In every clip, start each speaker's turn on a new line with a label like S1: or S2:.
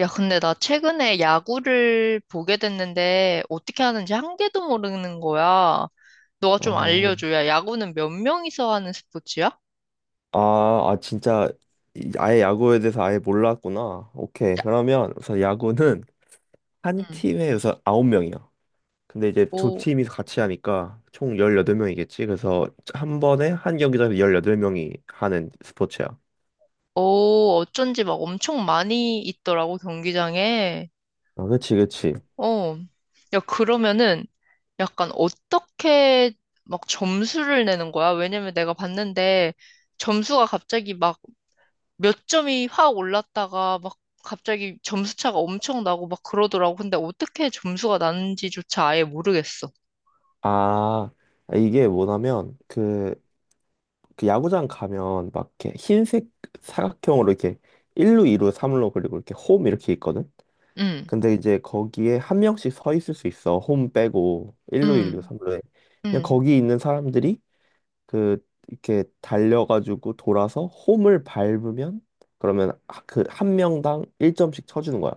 S1: 야, 근데 나 최근에 야구를 보게 됐는데 어떻게 하는지 한 개도 모르는 거야. 너가 좀
S2: 어,
S1: 알려줘. 야, 야구는 몇 명이서 하는 스포츠야?
S2: 아, 아, 진짜 아예 야구에 대해서 아예 몰랐구나. 오케이.
S1: 야,
S2: 그러면 우선 야구는 한
S1: 응.
S2: 팀에 우선 9명이야. 근데 이제 두
S1: 오,
S2: 팀이 같이 하니까 총 18명이겠지. 그래서 한 번에 한 경기장에서 18명이 하는 스포츠야.
S1: 오, 어쩐지 막 엄청 많이 있더라고, 경기장에.
S2: 아, 그치, 그치.
S1: 어. 야, 그러면은 약간 어떻게 막 점수를 내는 거야? 왜냐면 내가 봤는데 점수가 갑자기 막 몇 점이 확 올랐다가 막 갑자기 점수 차가 엄청 나고 막 그러더라고. 근데 어떻게 점수가 나는지조차 아예 모르겠어.
S2: 아, 이게 뭐냐면, 그 야구장 가면 막 이렇게 흰색 사각형으로 이렇게 1루, 2루, 3루, 그리고 이렇게 홈 이렇게 있거든?
S1: 응,
S2: 근데 이제 거기에 한 명씩 서 있을 수 있어. 홈 빼고 1루, 일루
S1: 응,
S2: 3루에. 그냥
S1: 응.
S2: 거기 있는 사람들이 그 이렇게 달려가지고 돌아서 홈을 밟으면 그러면 그 한 명당 1점씩 쳐주는 거야.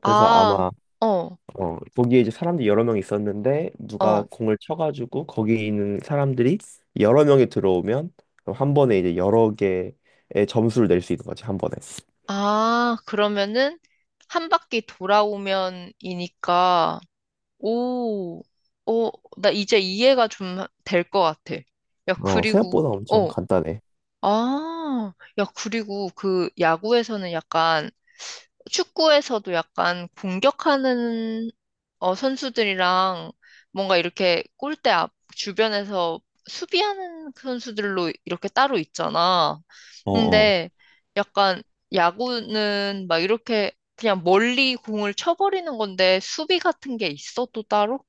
S2: 그래서
S1: 아,
S2: 아마
S1: 어,
S2: 거기에 이제 사람들이 여러 명 있었는데 누가
S1: 어.
S2: 공을 쳐가지고 거기 있는 사람들이 여러 명이 들어오면 그럼 한 번에 이제 여러 개의 점수를 낼 수 있는 거지 한 번에.
S1: 아, 그러면은 한 바퀴 돌아오면이니까, 오, 오, 나 이제 이해가 좀 될 것 같아. 야, 그리고,
S2: 생각보다 엄청
S1: 어,
S2: 간단해.
S1: 아, 야, 그리고 그 야구에서는 약간 축구에서도 약간 공격하는 선수들이랑 뭔가 이렇게 골대 앞 주변에서 수비하는 그 선수들로 이렇게 따로 있잖아.
S2: 어어. 어,
S1: 근데 약간 야구는 막 이렇게 그냥 멀리 공을 쳐버리는 건데 수비 같은 게 있어 또 따로?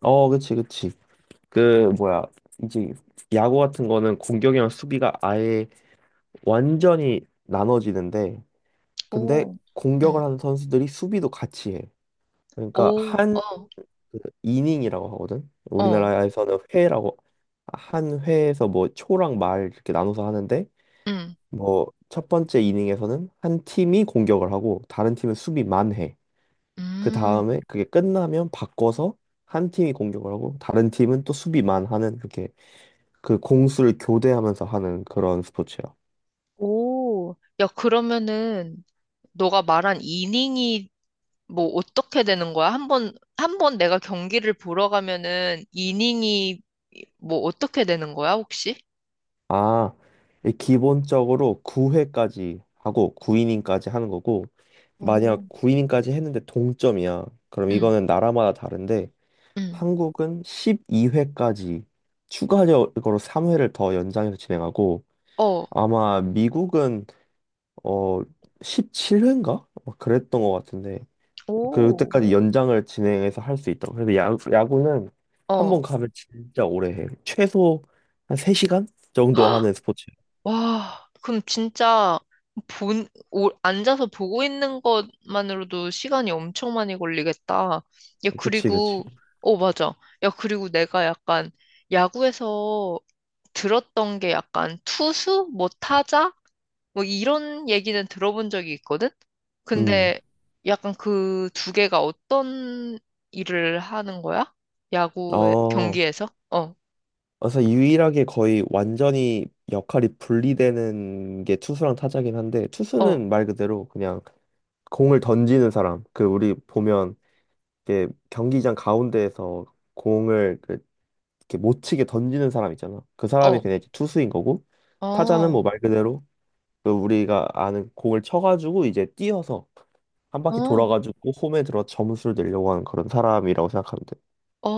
S2: 어. 어, 그치, 그치. 그 뭐야, 이제 야구 같은 거는 공격이랑 수비가 아예 완전히 나눠지는데, 근데
S1: 오, 응.
S2: 공격을 하는 선수들이 수비도 같이 해. 그러니까
S1: 오,
S2: 한그
S1: 어,
S2: 이닝이라고 하거든.
S1: 어,
S2: 우리나라에서는 회라고, 한 회에서 뭐 초랑 말 이렇게 나눠서 하는데,
S1: 응,
S2: 뭐 첫 번째 이닝에서는 한 팀이 공격을 하고 다른 팀은 수비만 해. 그
S1: 음.
S2: 다음에 그게 끝나면 바꿔서 한 팀이 공격을 하고 다른 팀은 또 수비만 하는, 그렇게 그 공수를 교대하면서 하는 그런 스포츠요.
S1: 오, 야, 그러면은, 너가 말한 이닝이 뭐 어떻게 되는 거야? 한 번, 한 번 내가 경기를 보러 가면은 이닝이 뭐 어떻게 되는 거야, 혹시?
S2: 아, 이 기본적으로 9회까지 하고 9이닝까지 하는 거고,
S1: 어,
S2: 만약 9이닝까지 했는데 동점이야. 그럼
S1: 응,
S2: 이거는 나라마다 다른데,
S1: 응,
S2: 한국은 12회까지 추가적으로 3회를 더 연장해서 진행하고,
S1: 어,
S2: 아마 미국은 어 17회인가? 그랬던 것 같은데,
S1: 오, 어.
S2: 그때까지 연장을 진행해서 할 수 있다고. 그래서 야, 야구는 한 번 가면 진짜 오래 해. 최소 한 3시간 정도
S1: 헉,
S2: 하는 스포츠.
S1: 와, 그럼 진짜 본, 오, 앉아서 보고 있는 것만으로도 시간이 엄청 많이 걸리겠다. 야,
S2: 그치, 그치.
S1: 그리고, 어, 맞아. 야, 그리고 내가 약간 야구에서 들었던 게 약간 투수? 뭐 타자? 뭐 이런 얘기는 들어본 적이 있거든?
S2: 음.
S1: 근데 약간 그 두 개가 어떤 일을 하는 거야? 야구의
S2: 어,
S1: 경기에서? 어,
S2: 그래서 유일하게 거의 완전히 역할이 분리되는 게 투수랑 타자긴 한데,
S1: 어,
S2: 투수는 말 그대로 그냥 공을 던지는 사람. 그, 우리 보면, 이게 경기장 가운데에서 공을 그, 이렇게 못 치게 던지는 사람 있잖아. 그 사람이
S1: 어,
S2: 그냥 이제 투수인 거고, 타자는
S1: 어,
S2: 뭐 말 그대로 그 우리가 아는 공을 쳐가지고 이제 뛰어서 한 바퀴
S1: 어,
S2: 돌아가지고 홈에 들어 점수를 내려고 하는 그런 사람이라고 생각하면 돼.
S1: 어,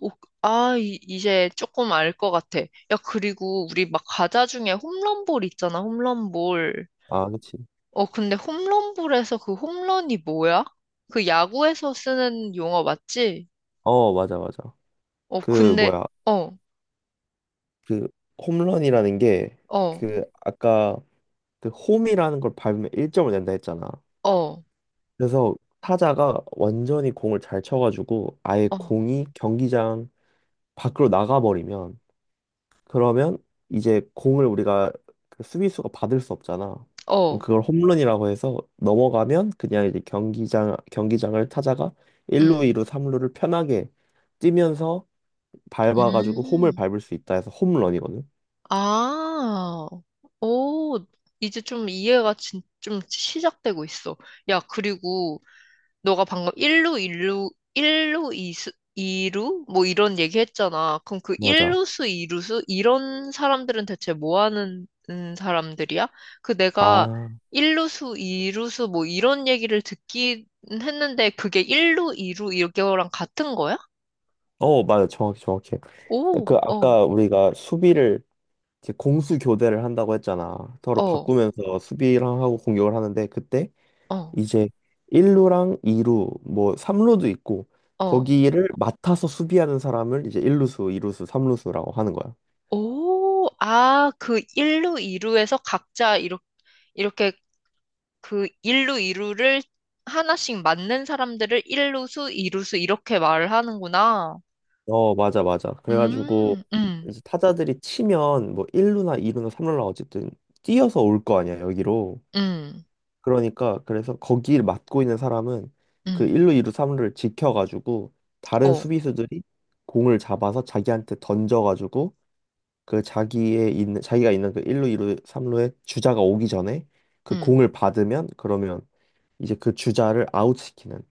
S1: 오, 아, 이, 이제 조금 알 것 같아. 야, 그리고 우리 막 과자 중에 홈런볼 있잖아, 홈런볼.
S2: 아, 그치.
S1: 어, 근데 홈런볼에서 그 홈런이 뭐야? 그 야구에서 쓰는 용어 맞지?
S2: 어, 맞아, 맞아.
S1: 어,
S2: 그
S1: 근데,
S2: 뭐야,
S1: 어,
S2: 그 홈런이라는 게,
S1: 어,
S2: 그 아까 그 홈이라는 걸 밟으면 1점을 낸다 했잖아.
S1: 어,
S2: 그래서 타자가 완전히 공을 잘 쳐가지고 아예
S1: 어,
S2: 공이 경기장 밖으로 나가버리면 그러면 이제 공을 우리가 그 수비수가 받을 수 없잖아. 그럼
S1: 어,
S2: 그걸 홈런이라고 해서 넘어가면, 그냥 이제 경기장을 타자가
S1: 음,
S2: 1루, 2루, 3루를 편하게 뛰면서 밟아가지고 홈을
S1: 음,
S2: 밟을 수 있다 해서 홈런이거든.
S1: 아, 오, 이제 좀 이해가 진, 좀 시작되고 있어. 야, 그리고 너가 방금 1루, 일루 1루, 2수, 이루 뭐 이런 얘기 했잖아. 그럼 그
S2: 맞아.
S1: 1루수, 2루수? 이런 사람들은 대체 뭐 하는 사람들이야? 그 내가
S2: 아,
S1: 1루수, 2루수 뭐 이런 얘기를 듣긴 했는데 그게 1루, 2루 이거랑 같은 거야?
S2: 어, 맞아. 정확히 정확해.
S1: 오,
S2: 그
S1: 어,
S2: 아까 우리가 수비를, 이제 공수 교대를 한다고 했잖아. 서로
S1: 어,
S2: 바꾸면서 수비랑 하고 공격을 하는데, 그때
S1: 어,
S2: 이제 1루랑 2루, 뭐 3루도 있고,
S1: 어.
S2: 거기를 맡아서 수비하는 사람을 이제 1루수, 2루수, 3루수라고 하는 거야.
S1: 오, 아, 그 1루, 2루에서 각자 이렇게 그 일루 이루를 하나씩 맞는 사람들을 일루수, 이루수 이렇게 말을 하는구나.
S2: 어, 맞아, 맞아. 그래가지고
S1: 음, 음,
S2: 이제 타자들이 치면 뭐 1루나 2루나 3루나 어쨌든 뛰어서 올 거 아니야, 여기로.
S1: 음,
S2: 그러니까, 그래서 거기를 맡고 있는 사람은 그
S1: 음,
S2: 1루, 2루, 3루를 지켜가지고, 다른
S1: 어,
S2: 수비수들이 공을 잡아서 자기한테 던져가지고 그 자기의 있는, 자기가 있는 그 1루, 2루, 3루에 주자가 오기 전에 그
S1: 음.
S2: 공을 받으면, 그러면 이제 그 주자를 아웃시키는,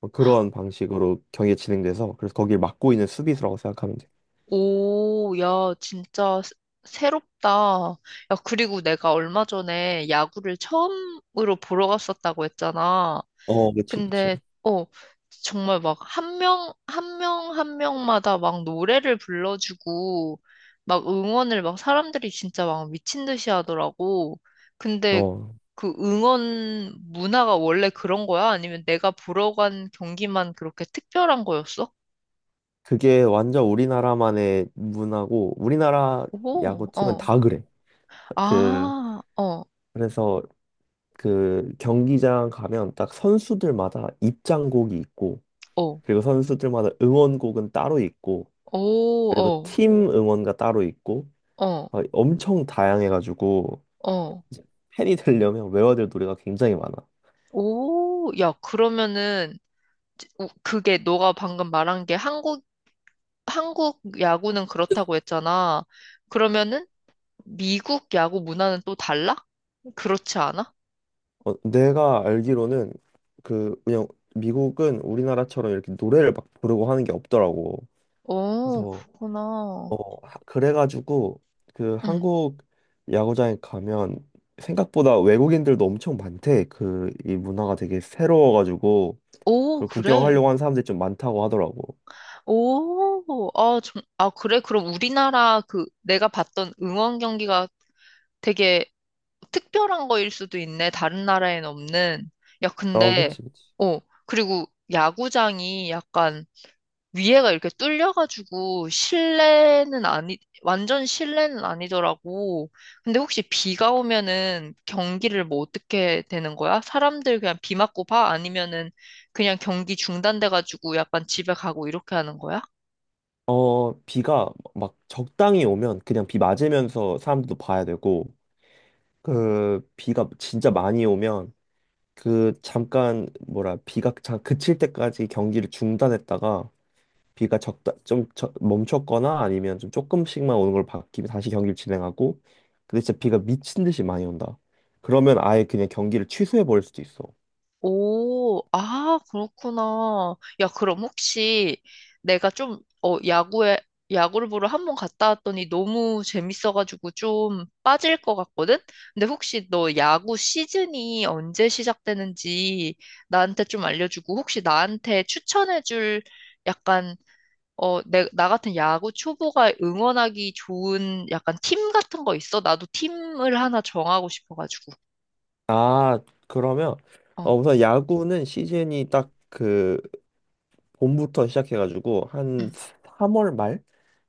S2: 뭐 그런 방식으로 경기가 진행돼서, 그래서 거기를 막고 있는 수비수라고 생각하면 돼.
S1: 오, 야, 진짜 새롭다. 야, 그리고 내가 얼마 전에 야구를 처음으로 보러 갔었다고 했잖아.
S2: 어, 그치, 그치.
S1: 근데, 어, 정말 막 한 명, 한 명, 한 명마다 막 노래를 불러주고, 막 응원을 막 사람들이 진짜 막 미친 듯이 하더라고. 근데
S2: 어,
S1: 그 응원 문화가 원래 그런 거야? 아니면 내가 보러 간 경기만 그렇게 특별한 거였어?
S2: 그게 완전 우리나라만의 문화고 우리나라
S1: 오,
S2: 야구팀은
S1: 어,
S2: 다 그래. 그
S1: 아, 어,
S2: 그래서 그 경기장 가면 딱 선수들마다 입장곡이 있고,
S1: 어,
S2: 그리고 선수들마다 응원곡은 따로 있고,
S1: 오,
S2: 그리고
S1: 어,
S2: 팀 응원가 따로 있고,
S1: 어,
S2: 막 엄청 다양해가지고
S1: 어,
S2: 이제 팬이 되려면 외워야 될 노래가 굉장히 많아.
S1: 오, 야, 그러면은, 우- 그게 너가 방금 말한 게 한국 야구는 그렇다고 했잖아. 그러면은 미국 야구 문화는 또 달라? 그렇지 않아?
S2: 어, 내가 알기로는 그냥 미국은 우리나라처럼 이렇게 노래를 막 부르고 하는 게 없더라고.
S1: 오,
S2: 그래서
S1: 그렇구나.
S2: 그래가지고 그
S1: 응.
S2: 한국 야구장에 가면 생각보다 외국인들도 엄청 많대. 그 이 문화가 되게 새로워가지고
S1: 오,
S2: 그걸
S1: 그래.
S2: 구경하려고 하는 사람들이 좀 많다고 하더라고.
S1: 오, 아, 좀, 아, 그래. 그럼 우리나라 그 내가 봤던 응원 경기가 되게 특별한 거일 수도 있네. 다른 나라엔 없는. 야,
S2: 어,
S1: 근데,
S2: 그치, 그치.
S1: 어, 그리고 야구장이 약간 위에가 이렇게 뚫려가지고 실내는 아니, 완전 실내는 아니더라고. 근데 혹시 비가 오면은 경기를 뭐 어떻게 되는 거야? 사람들 그냥 비 맞고 봐? 아니면은 그냥 경기 중단돼가지고 약간 집에 가고 이렇게 하는 거야?
S2: 어, 비가 막 적당히 오면 그냥 비 맞으면서 사람들도 봐야 되고, 그 비가 진짜 많이 오면 그 잠깐 뭐라 비가 잠 그칠 때까지 경기를 중단했다가, 비가 적다 좀 멈췄거나 아니면 좀 조금씩만 오는 걸 바뀌면 다시 경기를 진행하고, 근데 진짜 비가 미친 듯이 많이 온다. 그러면 아예 그냥 경기를 취소해 버릴 수도 있어.
S1: 오, 아, 그렇구나. 야, 그럼 혹시 내가 좀, 어, 야구를 보러 한 번 갔다 왔더니 너무 재밌어가지고 좀 빠질 것 같거든? 근데 혹시 너 야구 시즌이 언제 시작되는지 나한테 좀 알려주고 혹시 나한테 추천해줄 약간, 나 같은 야구 초보가 응원하기 좋은 약간 팀 같은 거 있어? 나도 팀을 하나 정하고 싶어가지고.
S2: 아, 그러면 어,
S1: 어,
S2: 우선 야구는 시즌이 딱그 봄부터 시작해가지고
S1: 응,
S2: 한 3월 말,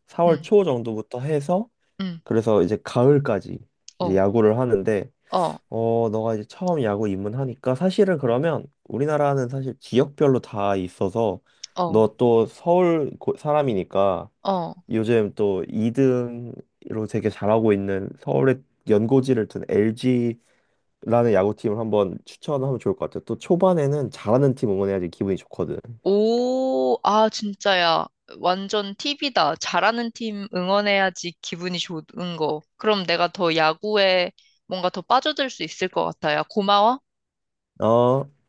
S2: 4월
S1: 응,
S2: 초 정도부터 해서,
S1: 응,
S2: 그래서 이제 가을까지 이제
S1: 어.
S2: 야구를 하는데,
S1: 어.
S2: 너가 이제 처음 야구 입문하니까 사실은, 그러면 우리나라는 사실 지역별로 다 있어서,
S1: 어,
S2: 너 또 서울 사람이니까
S1: 어.
S2: 요즘 또 2등으로 되게 잘하고 있는 서울의 연고지를 둔 LG라는 야구팀을 한번 추천하면 좋을 것 같아. 또 초반에는 잘하는 팀 응원해야지 기분이 좋거든.
S1: 오, 아, 진짜야. 완전 팁이다. 잘하는 팀 응원해야지 기분이 좋은 거. 그럼 내가 더 야구에 뭔가 더 빠져들 수 있을 것 같아요. 고마워.
S2: 어.